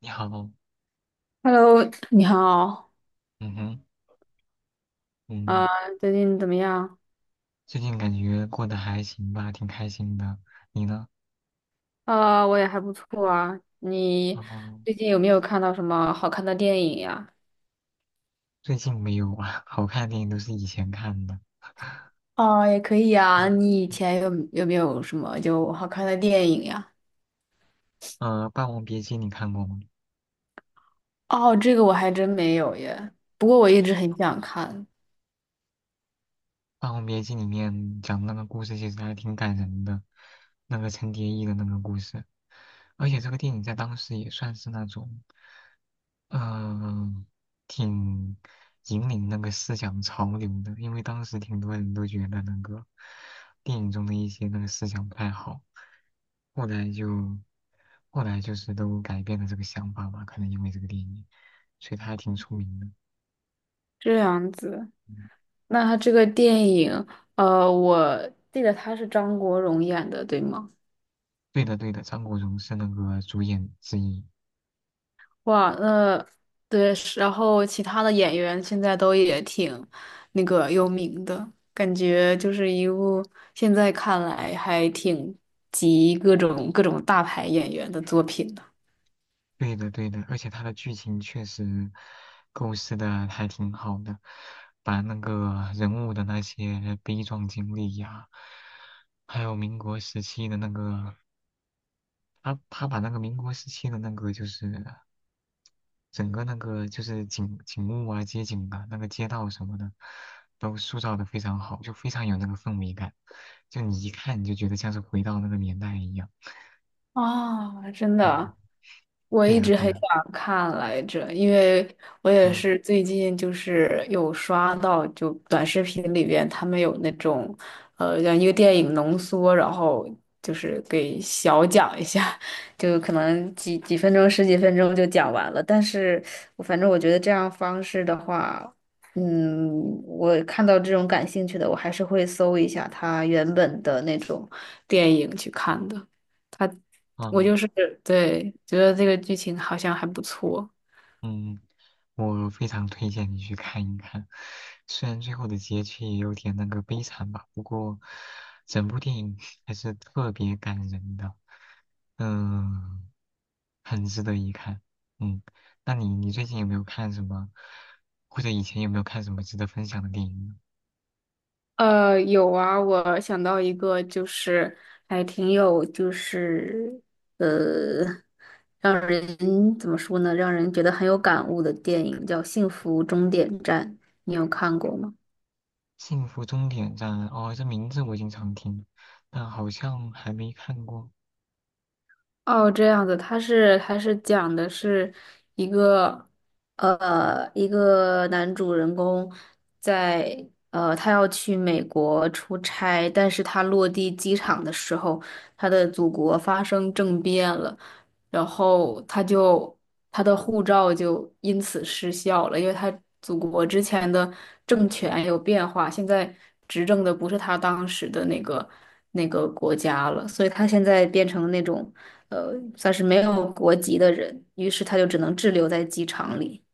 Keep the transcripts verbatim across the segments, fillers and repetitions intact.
你好。Hello，你好，嗯哼。啊，嗯。最近怎么样？最近感觉过得还行吧，挺开心的。你呢？啊、我也还不错啊。你哦，最近有没有看到什么好看的电影呀？最近没有啊，好看的电影都是以前看的。哦，也可以啊。嗯，你以前有有没有什么就好看的电影呀？呃，《霸王别姬》你看过吗？哦，这个我还真没有耶。不过我一直很想看。《霸王别姬》里面讲的那个故事其实还挺感人的，那个陈蝶衣的那个故事，而且这个电影在当时也算是那种。嗯，挺引领那个思想潮流的，因为当时挺多人都觉得那个电影中的一些那个思想不太好，后来就后来就是都改变了这个想法吧，可能因为这个电影，所以他还挺出名的。这样子，嗯，那他这个电影，呃，我记得他是张国荣演的，对吗？对的，对的，张国荣是那个主演之一。哇，那对，是然后其他的演员现在都也挺那个有名的，感觉就是一部现在看来还挺集各种各种大牌演员的作品的。对的，对的，而且它的剧情确实构思的还挺好的，把那个人物的那些悲壮经历呀，还有民国时期的那个，他他把那个民国时期的那个就是整个那个就是景景物啊、街景啊、那个街道什么的，都塑造的非常好，就非常有那个氛围感，就你一看你就觉得像是回到那个年代一样。啊，真嗯，的，我对一呀，直对很呀。想看来着，因为我也嗯。是最近就是有刷到，就短视频里边他们有那种，呃，让一个电影浓缩，然后就是给小讲一下，就可能几几分钟、十几分钟就讲完了。但是我反正我觉得这样方式的话，嗯，我看到这种感兴趣的，我还是会搜一下他原本的那种电影去看的。他。我啊。就是对，觉得这个剧情好像还不错。嗯，我非常推荐你去看一看，虽然最后的结局也有点那个悲惨吧，不过整部电影还是特别感人的。嗯，很值得一看。嗯，那你你最近有没有看什么，或者以前有没有看什么值得分享的电影呢？《呃，有啊，我想到一个，就是还挺有，就是呃，让人怎么说呢，让人觉得很有感悟的电影，叫《幸福终点站》，你有看过吗？幸福终点站》哦，这名字我经常听，但好像还没看过。哦，这样子，他是他是讲的是一个呃一个男主人公在呃他要去美国出差，但是他落地机场的时候，他的祖国发生政变了，然后他就他的护照就因此失效了，因为他祖国之前的政权有变化，现在执政的不是他当时的那个那个国家了，所以他现在变成那种。呃，算是没有国籍的人，于是他就只能滞留在机场里。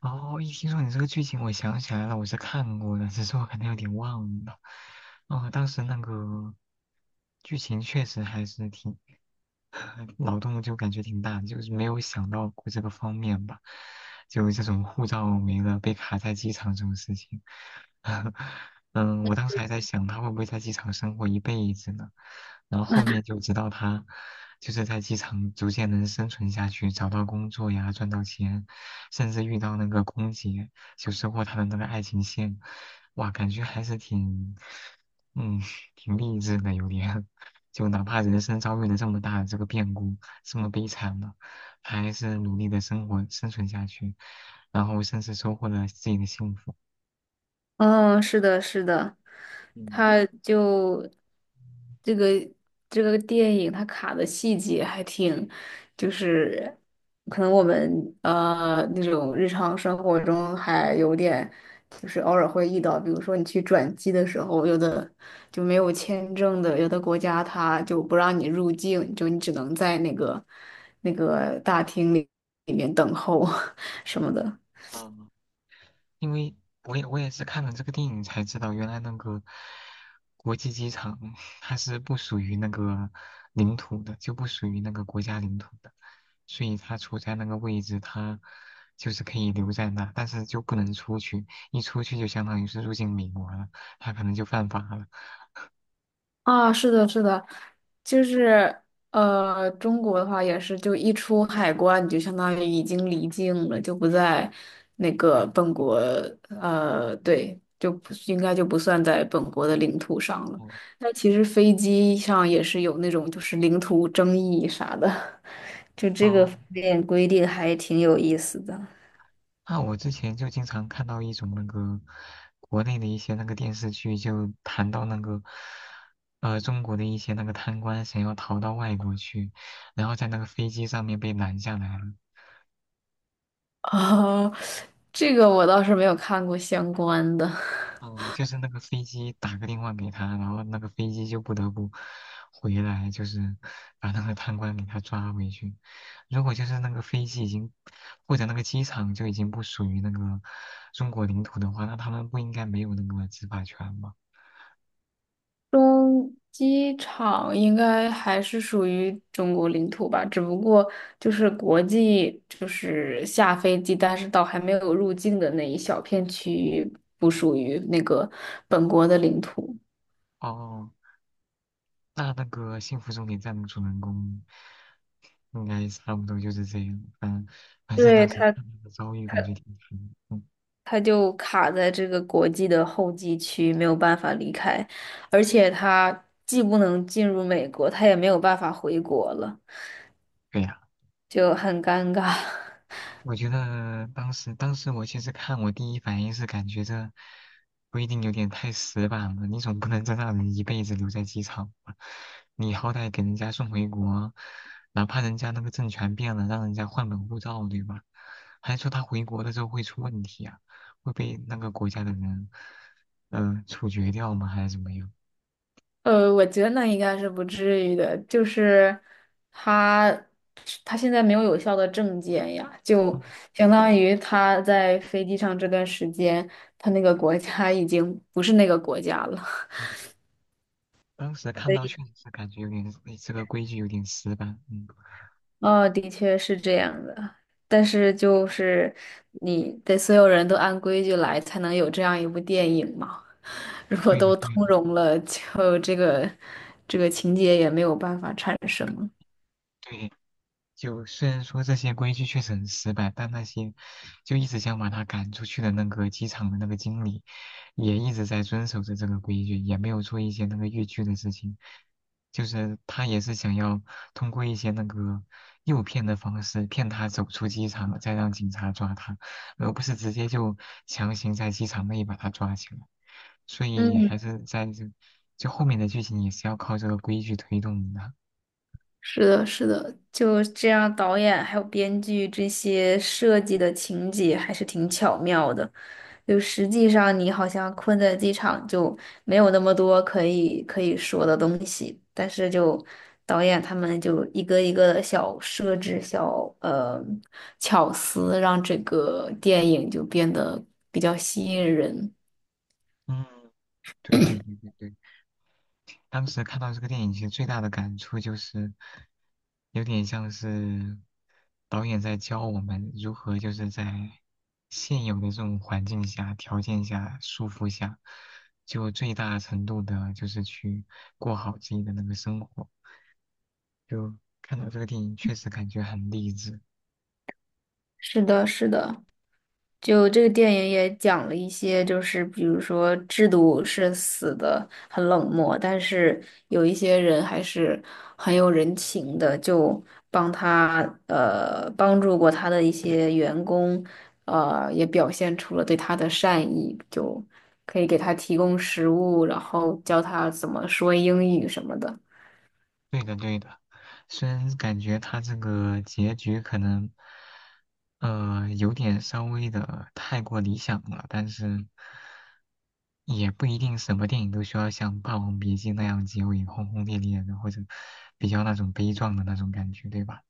哦，一听说你这个剧情，我想起来了，我是看过的，只是我可能有点忘了。哦，当时那个剧情确实还是挺脑洞就感觉挺大的，就是没有想到过这个方面吧，就这种护照没了被卡在机场这种事情。嗯，我当时还在想他会不会在机场生活一辈子呢，然后后面就知道他就是在机场逐渐能生存下去，找到工作呀，赚到钱，甚至遇到那个空姐，就收获他的那个爱情线。哇，感觉还是挺，嗯，挺励志的，有点。就哪怕人生遭遇了这么大的这个变故，这么悲惨了，他还是努力的生活生存下去，然后甚至收获了自己的幸福。嗯，是的，是的，嗯。他就这个这个电影，它卡的细节还挺，就是可能我们呃那种日常生活中还有点，就是偶尔会遇到，比如说你去转机的时候，有的就没有签证的，有的国家它就不让你入境，就你只能在那个那个大厅里里面等候 什么的。啊，因为我也我也是看了这个电影才知道，原来那个国际机场它是不属于那个领土的，就不属于那个国家领土的，所以它处在那个位置，它就是可以留在那，但是就不能出去，一出去就相当于是入境美国了，它可能就犯法了。啊，是的，是的，就是呃，中国的话也是，就一出海关，你就相当于已经离境了，就不在那个本国，呃，对，就不应该就不算在本国的领土上了。哦。但其实飞机上也是有那种就是领土争议啥的，就这个哦，方面规定还挺有意思的。那我之前就经常看到一种那个国内的一些那个电视剧，就谈到那个呃中国的一些那个贪官想要逃到外国去，然后在那个飞机上面被拦下来了。啊，这个我倒是没有看过相关的。哦，就是那个飞机打个电话给他，然后那个飞机就不得不回来，就是把那个贪官给他抓回去。如果就是那个飞机已经或者那个机场就已经不属于那个中国领土的话，那他们不应该没有那个执法权吗？中机场应该还是属于中国领土吧，只不过就是国际，就是下飞机，但是到还没有入境的那一小片区域，不属于那个本国的领土。哦，那那个《幸福终点站》的主人公应该差不多就是这样。嗯，反正当对，时它，他那个遭遇它，感觉挺惨的。嗯，它就卡在这个国际的候机区，没有办法离开，而且它既不能进入美国，它也没有办法回国了，对呀。就很尴尬。我觉得当时，当时我其实看，我第一反应是感觉这规定有点太死板了。你总不能真让人一辈子留在机场吧？你好歹给人家送回国，哪怕人家那个政权变了，让人家换本护照，对吧？还说他回国了之后会出问题啊，会被那个国家的人，呃，处决掉吗？还是怎么样？呃，我觉得那应该是不至于的，就是他他现在没有有效的证件呀，就嗯。相当于他在飞机上这段时间，他那个国家已经不是那个国家了。嗯，当时看到确实是感觉有点，哎这个规矩有点死板。嗯，哦，的确是这样的，但是就是你得所有人都按规矩来，才能有这样一部电影嘛。如果对的都对通的融了，就这个这个情节也没有办法产生了。对。就虽然说这些规矩确实很失败，但那些就一直想把他赶出去的那个机场的那个经理，也一直在遵守着这个规矩，也没有做一些那个越矩的事情。就是他也是想要通过一些那个诱骗的方式骗他走出机场，再让警察抓他，而不是直接就强行在机场内把他抓起来。所以嗯。还是在这，就后面的剧情也是要靠这个规矩推动的。是的，是的，就这样，导演还有编剧这些设计的情节还是挺巧妙的。就实际上，你好像困在机场，就没有那么多可以可以说的东西，但是就导演他们就一个一个的小设置、小呃巧思，让这个电影就变得比较吸引人。嗯，对对对对对。当时看到这个电影，其实最大的感触就是，有点像是导演在教我们如何就是在现有的这种环境下、条件下、束缚下，就最大程度的就是去过好自己的那个生活。就看到这个电影，确实感觉很励志。是的，是的。就这个电影也讲了一些，就是比如说制度是死的很冷漠，但是有一些人还是很有人情的，就帮他呃帮助过他的一些员工，呃也表现出了对他的善意，就可以给他提供食物，然后教他怎么说英语什么的。对的，对的。虽然感觉他这个结局可能，呃，有点稍微的太过理想了，但是也不一定什么电影都需要像《霸王别姬》那样结尾轰轰烈烈的，或者比较那种悲壮的那种感觉，对吧？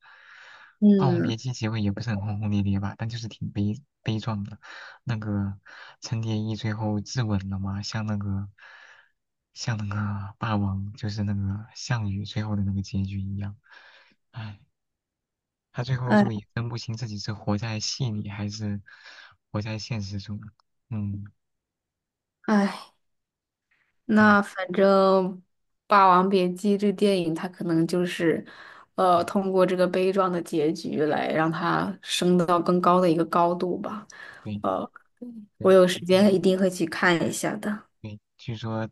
《霸王别嗯，姬》结尾也不是很轰轰烈烈吧，但就是挺悲悲壮的。那个陈蝶衣最后自刎了吗？像那个，像那个霸王，就是那个项羽最后的那个结局一样。唉，他最后哎就也分不清自己是活在戏里还是活在现实中。嗯。哎，嗯。那反正《霸王别姬》这电影，它可能就是，呃，嗯，通过这个悲壮的结局来让它升到更高的一个高度吧。对呃，我对有时挺对间一定会去看一下的。对，据说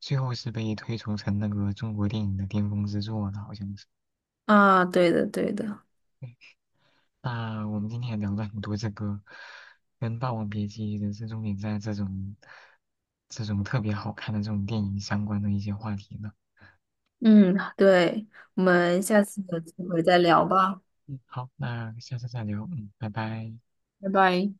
最后是被推崇成那个中国电影的巅峰之作的，好像是。啊，对的，对的，对，那我们今天也聊了很多这个跟《霸王别姬》《人生终点站》这种这种特别好看的这种电影相关的一些话题呢。嗯，对，我们下次有机会再聊吧，嗯，好，那下次再聊。嗯，拜拜。拜拜。